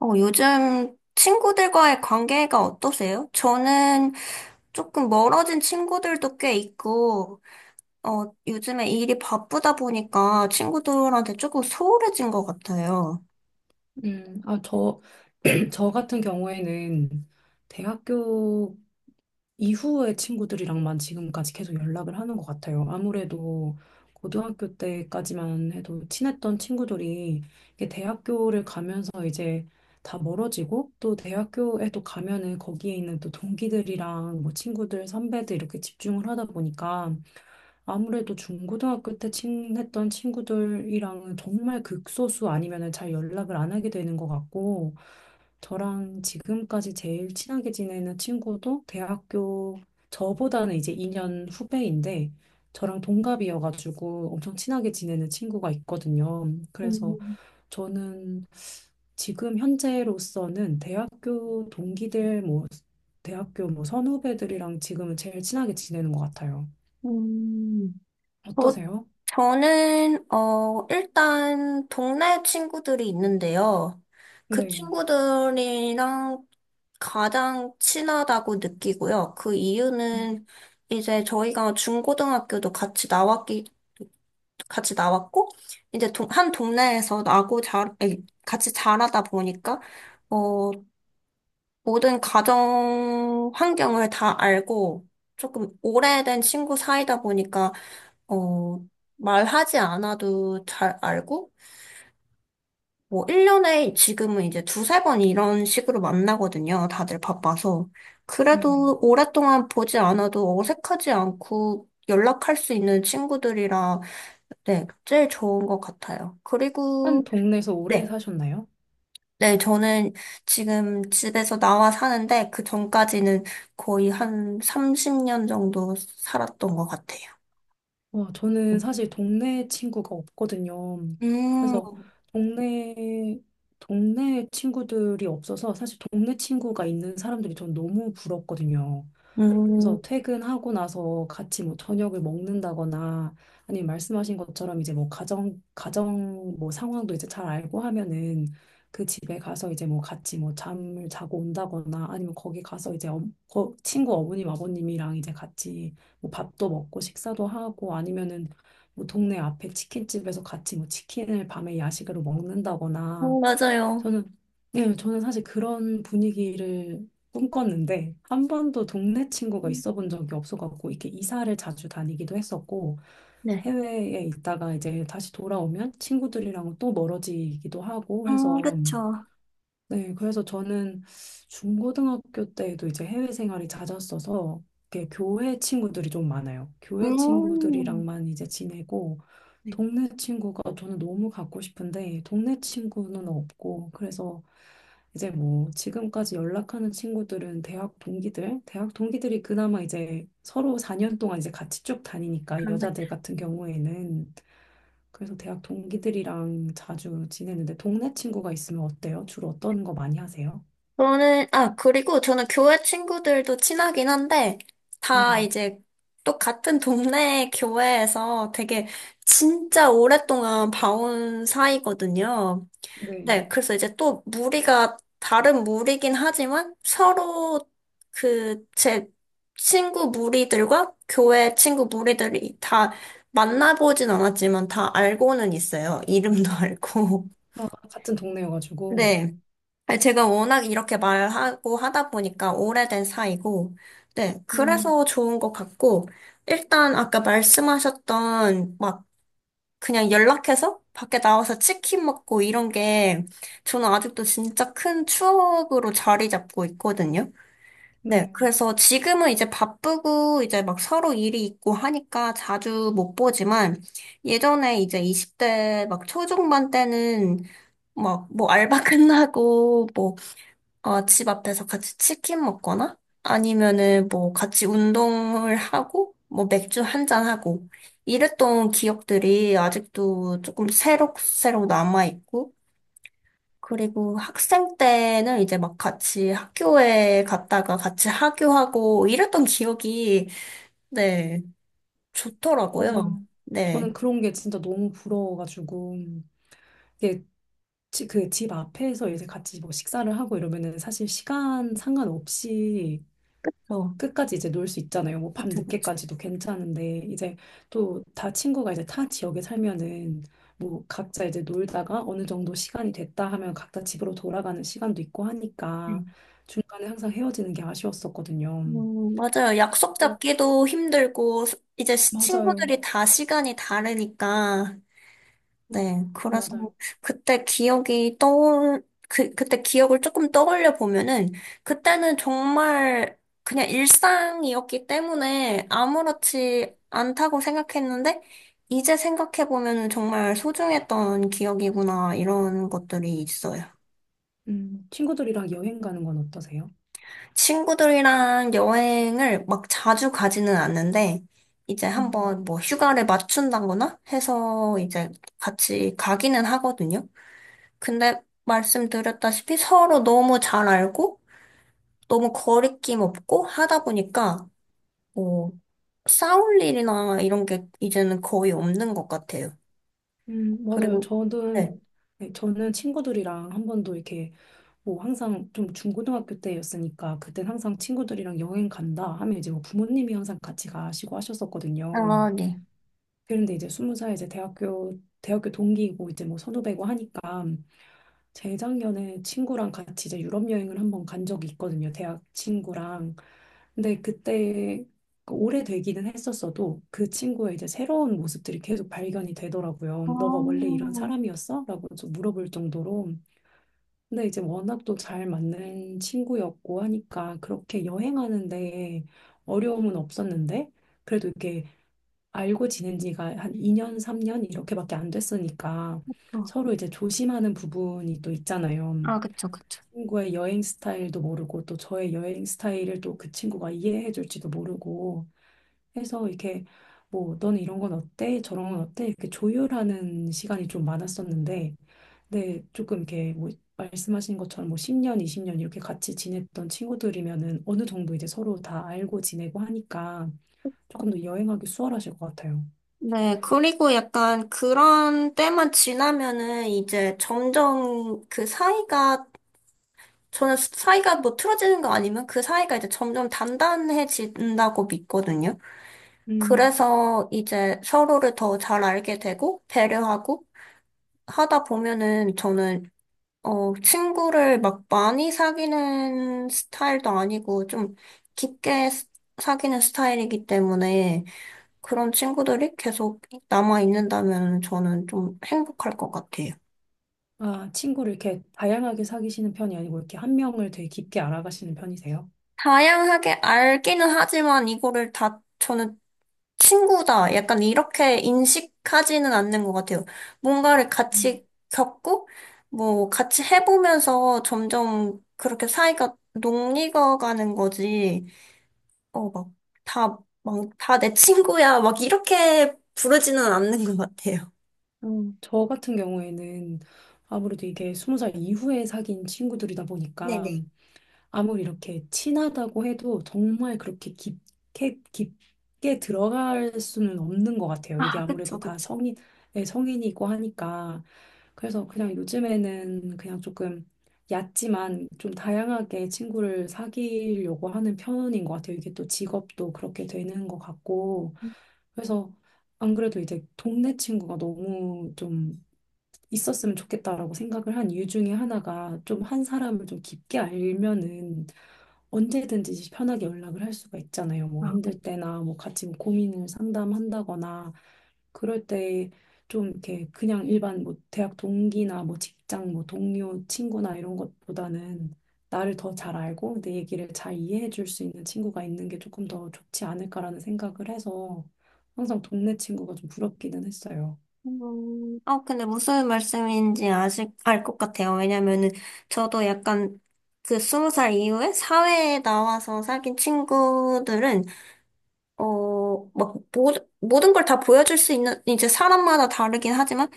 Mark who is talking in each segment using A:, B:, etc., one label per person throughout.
A: 요즘 친구들과의 관계가 어떠세요? 저는 조금 멀어진 친구들도 꽤 있고, 요즘에 일이 바쁘다 보니까 친구들한테 조금 소홀해진 것 같아요.
B: 음, 아, 저, 저 같은 경우에는 대학교 이후의 친구들이랑만 지금까지 계속 연락을 하는 것 같아요. 아무래도 고등학교 때까지만 해도 친했던 친구들이 이게 대학교를 가면서 이제 다 멀어지고 또 대학교에 또 가면은 거기에 있는 또 동기들이랑 뭐 친구들, 선배들 이렇게 집중을 하다 보니까 아무래도 중고등학교 때 친했던 친구들이랑은 정말 극소수 아니면은 잘 연락을 안 하게 되는 것 같고, 저랑 지금까지 제일 친하게 지내는 친구도 대학교 저보다는 이제 2년 후배인데 저랑 동갑이어가지고 엄청 친하게 지내는 친구가 있거든요. 그래서
A: 음,
B: 저는 지금 현재로서는 대학교 동기들 뭐 대학교 뭐 선후배들이랑 지금은 제일 친하게 지내는 것 같아요.
A: 음. 저,
B: 어떠세요?
A: 저는, 일단, 동네 친구들이 있는데요. 그
B: 네.
A: 친구들이랑 가장 친하다고 느끼고요. 그 이유는 이제 저희가 중고등학교도 같이 같이 나왔고, 이제 한 동네에서 나고 자, 아니, 같이 자라다 보니까, 어, 모든 가정 환경을 다 알고, 조금 오래된 친구 사이다 보니까 어, 말하지 않아도 잘 알고, 뭐, 1년에 지금은 이제 두세 번 이런 식으로 만나거든요. 다들 바빠서.
B: 네.
A: 그래도 오랫동안 보지 않아도 어색하지 않고 연락할 수 있는 친구들이라, 네, 제일 좋은 것 같아요.
B: 한
A: 그리고,
B: 동네에서 오래
A: 네.
B: 사셨나요?
A: 네, 저는 지금 집에서 나와 사는데 그 전까지는 거의 한 30년 정도 살았던 것 같아요.
B: 어, 저는 사실 동네 친구가 없거든요. 그래서
A: 음,
B: 동네, 동네 친구들이 없어서 사실 동네 친구가 있는 사람들이 전 너무 부럽거든요.
A: 음,
B: 그래서 퇴근하고 나서 같이 뭐 저녁을 먹는다거나 아니면 말씀하신 것처럼 이제 뭐 가정 뭐 상황도 이제 잘 알고 하면은 그 집에 가서 이제 뭐 같이 뭐 잠을 자고 온다거나 아니면 거기 가서 이제 친구 어머님 아버님이랑 이제 같이 뭐 밥도 먹고 식사도 하고 아니면은 뭐 동네 앞에 치킨집에서 같이 뭐 치킨을 밤에 야식으로 먹는다거나,
A: 맞아요.
B: 저는 예, 저는 사실 그런 분위기를 꿈꿨는데 한 번도 동네 친구가 있어 본 적이 없어갖고 이렇게 이사를 자주 다니기도 했었고
A: 네.
B: 해외에 있다가 이제 다시 돌아오면 친구들이랑 또 멀어지기도 하고 해서.
A: 그쵸.
B: 네, 그래서 저는 중고등학교 때에도 이제 해외 생활이 잦았어서 이렇게 교회 친구들이 좀 많아요. 교회
A: 음,
B: 친구들이랑만 이제 지내고,
A: 네,
B: 동네 친구가 저는 너무 갖고 싶은데 동네 친구는 없고, 그래서 이제 뭐 지금까지 연락하는 친구들은 대학 동기들, 대학 동기들이 그나마 이제 서로 4년 동안 이제 같이 쭉 다니니까
A: 그런 것
B: 여자들
A: 같아요.
B: 같은 경우에는. 그래서 대학 동기들이랑 자주 지내는데 동네 친구가 있으면 어때요? 주로 어떤 거 많이 하세요?
A: 아, 그리고 저는 교회 친구들도 친하긴 한데, 다
B: 네,
A: 이제 또 같은 동네 교회에서 되게 진짜 오랫동안 봐온 사이거든요.
B: 네.
A: 네, 그래서 이제 또 무리가 다른 무리긴 하지만 서로 그 제 친구 무리들과 교회 친구 무리들이 다 만나보진 않았지만 다 알고는 있어요. 이름도 알고.
B: 아, 같은 동네여가지고.
A: 네. 아니, 제가 워낙 이렇게 말하고 하다 보니까 오래된 사이고, 네.
B: 음,
A: 그래서 좋은 것 같고, 일단 아까 말씀하셨던 막 그냥 연락해서 밖에 나와서 치킨 먹고 이런 게 저는 아직도 진짜 큰 추억으로 자리 잡고 있거든요. 네.
B: 네,
A: 그래서 지금은 이제 바쁘고 이제 막 서로 일이 있고 하니까 자주 못 보지만 예전에 이제 20대 막 초중반 때는 막 뭐 알바 끝나고 뭐 집 앞에서 같이 치킨 먹거나 아니면은 뭐 같이 운동을 하고 뭐 맥주 한 잔 하고 이랬던 기억들이 아직도 조금 새록새록 남아있고 그리고 학생 때는 이제 막 같이 학교에 갔다가 같이 하교하고 이랬던 기억이, 네, 좋더라고요.
B: 맞아요.
A: 네.
B: 저는 그런 게 진짜 너무 부러워가지고 이게 그 집 앞에서 이제 같이 뭐 식사를 하고 이러면은 사실 시간 상관없이
A: 그래서
B: 끝까지 이제 놀 수 있잖아요. 뭐 밤
A: 하여튼 그쵸.
B: 늦게까지도 괜찮은데 이제 또 다 친구가 이제 타 지역에 살면은 뭐 각자 이제 놀다가 어느 정도 시간이 됐다 하면 각자 집으로 돌아가는 시간도 있고 하니까
A: 음,
B: 중간에 항상 헤어지는 게 아쉬웠었거든요.
A: 맞아요. 약속
B: 네,
A: 잡기도 힘들고 이제
B: 맞아요.
A: 친구들이 다 시간이 다르니까 네, 그래서
B: 맞아요.
A: 그때 기억이 그때 기억을 조금 떠올려 보면은, 그때는 정말 그냥 일상이었기 때문에 아무렇지 않다고 생각했는데, 이제 생각해 보면은 정말 소중했던 기억이구나, 이런 것들이 있어요.
B: 친구들이랑 여행 가는 건 어떠세요?
A: 친구들이랑 여행을 막 자주 가지는 않는데, 이제
B: 음,
A: 한번 뭐 휴가를 맞춘다거나 해서 이제 같이 가기는 하거든요. 근데 말씀드렸다시피 서로 너무 잘 알고 너무 거리낌 없고 하다 보니까 뭐 싸울 일이나 이런 게 이제는 거의 없는 것 같아요.
B: 맞아요.
A: 그리고
B: 저는,
A: 네.
B: 네, 저는 친구들이랑 한 번도 이렇게 뭐 항상 좀 중고등학교 때였으니까 그땐 항상 친구들이랑 여행 간다 하면 이제 뭐 부모님이 항상 같이 가시고 하셨었거든요.
A: 아, 네.
B: 그런데 이제 스무 살, 이제 대학교 동기이고 이제 뭐 선후배고 하니까 재작년에 친구랑 같이 이제 유럽 여행을 한번 간 적이 있거든요. 대학 친구랑. 근데 그때 그 오래되기는 했었어도 그 친구의 이제 새로운 모습들이 계속 발견이 되더라고요.
A: 아,
B: 너가 원래 이런 사람이었어? 라고 좀 물어볼 정도로. 근데 이제 워낙 또 잘 맞는 친구였고 하니까 그렇게 여행하는데 어려움은 없었는데, 그래도 이게 알고 지낸 지가 한 2년, 3년 이렇게밖에 안 됐으니까
A: 또.
B: 서로 이제 조심하는 부분이 또 있잖아요.
A: 아, 그쵸, 그쵸.
B: 친구의 여행 스타일도 모르고 또 저의 여행 스타일을 또 그 친구가 이해해 줄지도 모르고 해서 이렇게 뭐 너는 이런 건 어때? 저런 건 어때? 이렇게 조율하는 시간이 좀 많았었는데, 네, 조금 이렇게 뭐 말씀하신 것처럼 뭐 10년, 20년 이렇게 같이 지냈던 친구들이면은 어느 정도 이제 서로 다 알고 지내고 하니까 조금 더 여행하기 수월하실 것 같아요.
A: 네, 그리고 약간 그런 때만 지나면은 이제 점점 그 사이가, 저는 사이가 뭐 틀어지는 거 아니면 그 사이가 이제 점점 단단해진다고 믿거든요.
B: 음.
A: 그래서 이제 서로를 더 잘 알게 되고 배려하고 하다 보면은 저는 친구를 막 많이 사귀는 스타일도 아니고 좀 깊게 사귀는 스타일이기 때문에 그런 친구들이 계속 남아 있는다면 저는 좀 행복할 것 같아요.
B: 아, 친구를 이렇게 다양하게 사귀시는 편이 아니고 이렇게 한 명을 되게 깊게 알아가시는 편이세요?
A: 다양하게 알기는 하지만 이거를 다 저는 친구다. 약간 이렇게 인식하지는 않는 것 같아요. 뭔가를
B: 음.
A: 같이 겪고, 뭐, 같이 해보면서 점점 그렇게 사이가 녹익어 가는 거지. 어, 막, 다, 다 내 친구야. 막, 이렇게 부르지는 않는 것 같아요.
B: 어, 저 같은 경우에는 아무래도 이게 스무 살 이후에 사귄 친구들이다 보니까
A: 네네.
B: 아무리 이렇게 친하다고 해도 정말 그렇게 깊게, 깊게 들어갈 수는 없는 것 같아요. 이게
A: 아, 그쵸,
B: 아무래도 다
A: 그쵸.
B: 성인, 네, 성인이고 하니까. 그래서 그냥 요즘에는 그냥 조금 얕지만 좀 다양하게 친구를 사귀려고 하는 편인 것 같아요. 이게 또 직업도 그렇게 되는 것 같고. 그래서 안 그래도 이제 동네 친구가 너무 좀 있었으면 좋겠다라고 생각을 한 이유 중에 하나가, 좀 한 사람을 좀 깊게 알면은 언제든지 편하게 연락을 할 수가 있잖아요. 뭐
A: 아,
B: 힘들 때나 뭐 같이 뭐 고민을 상담한다거나, 그럴 때 좀 이렇게 그냥 일반 뭐 대학 동기나 뭐 직장 뭐 동료 친구나 이런 것보다는 나를 더 잘 알고 내 얘기를 잘 이해해 줄 수 있는 친구가 있는 게 조금 더 좋지 않을까라는 생각을 해서 항상 동네 친구가 좀 부럽기는 했어요.
A: 근데 무슨 말씀인지 아직 알 것 같아요. 왜냐면은 저도 약간 그 20살 이후에 사회에 나와서 사귄 친구들은 막, 모든 걸 다 보여줄 수 있는, 이제 사람마다 다르긴 하지만,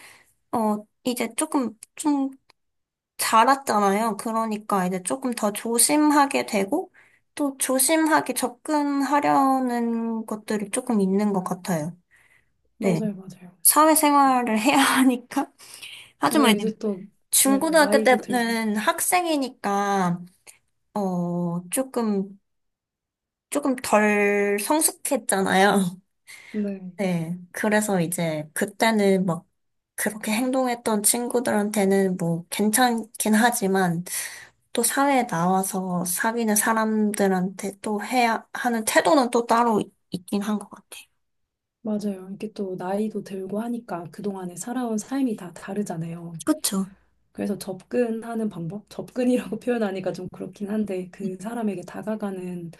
A: 이제 조금, 좀 자랐잖아요. 그러니까 이제 조금 더 조심하게 되고, 또 조심하게 접근하려는 것들이 조금 있는 것 같아요. 네.
B: 맞아요, 맞아요.
A: 사회생활을 해야 하니까. 하지만
B: 네,
A: 이제
B: 이제 또, 네,
A: 중고등학교
B: 나이도 들고.
A: 때는 학생이니까, 어, 조금, 조금 덜 성숙했잖아요.
B: 네,
A: 네, 그래서 이제 그때는 막 그렇게 행동했던 친구들한테는 뭐 괜찮긴 하지만 또 사회에 나와서 사귀는 사람들한테 또 해야 하는 태도는 또 따로 있긴 한 것 같아요.
B: 맞아요. 이게 또 나이도 들고 하니까 그동안에 살아온 삶이 다 다르잖아요.
A: 그쵸?
B: 그래서 접근하는 방법? 접근이라고 표현하니까 좀 그렇긴 한데, 그 사람에게 다가가는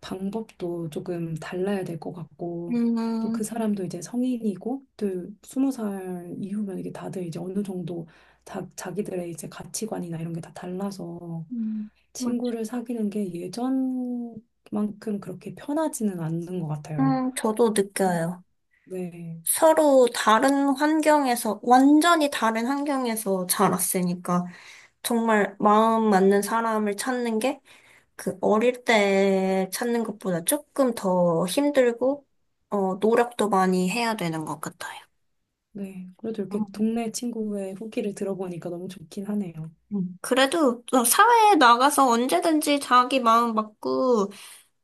B: 방법도 조금 달라야 될 것 같고, 또 그
A: 음,
B: 사람도 이제 성인이고, 또 스무 살 이후면 이게 다들 이제 어느 정도 다, 자기들의 이제 가치관이나 이런 게 다 달라서,
A: 음, 맞-
B: 친구를 사귀는 게 예전만큼 그렇게 편하지는 않는 것 같아요.
A: 저도
B: 음,
A: 느껴요.
B: 네,
A: 서로 다른 환경에서, 완전히 다른 환경에서 자랐으니까 정말 마음 맞는 사람을 찾는 게 그 어릴 때 찾는 것보다 조금 더 힘들고, 노력도 많이 해야 되는 것 같아요.
B: 네. 그래도
A: 음.
B: 이렇게 동네 친구의 후기를 들어보니까 너무 좋긴 하네요.
A: 음. 그래도 또 사회에 나가서 언제든지 자기 마음 맞고,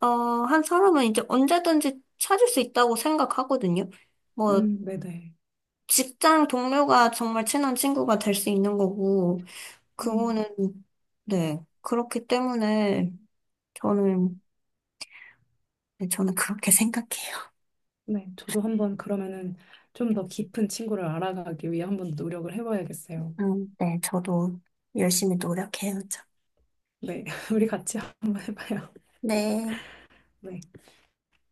A: 한 사람은 이제 언제든지 찾을 수 있다고 생각하거든요. 뭐,
B: 네네.
A: 직장 동료가 정말 친한 친구가 될 수 있는 거고,
B: 음,
A: 그거는, 네, 그렇기 때문에 저는, 네, 저는 그렇게 생각해요.
B: 네. 저도 한번 그러면은 좀 더 깊은 친구를 알아가기 위해 한번 노력을 해봐야겠어요.
A: 네, 저도 열심히 노력해야죠.
B: 네. 우리 같이 한번 해봐요.
A: 네,
B: 네.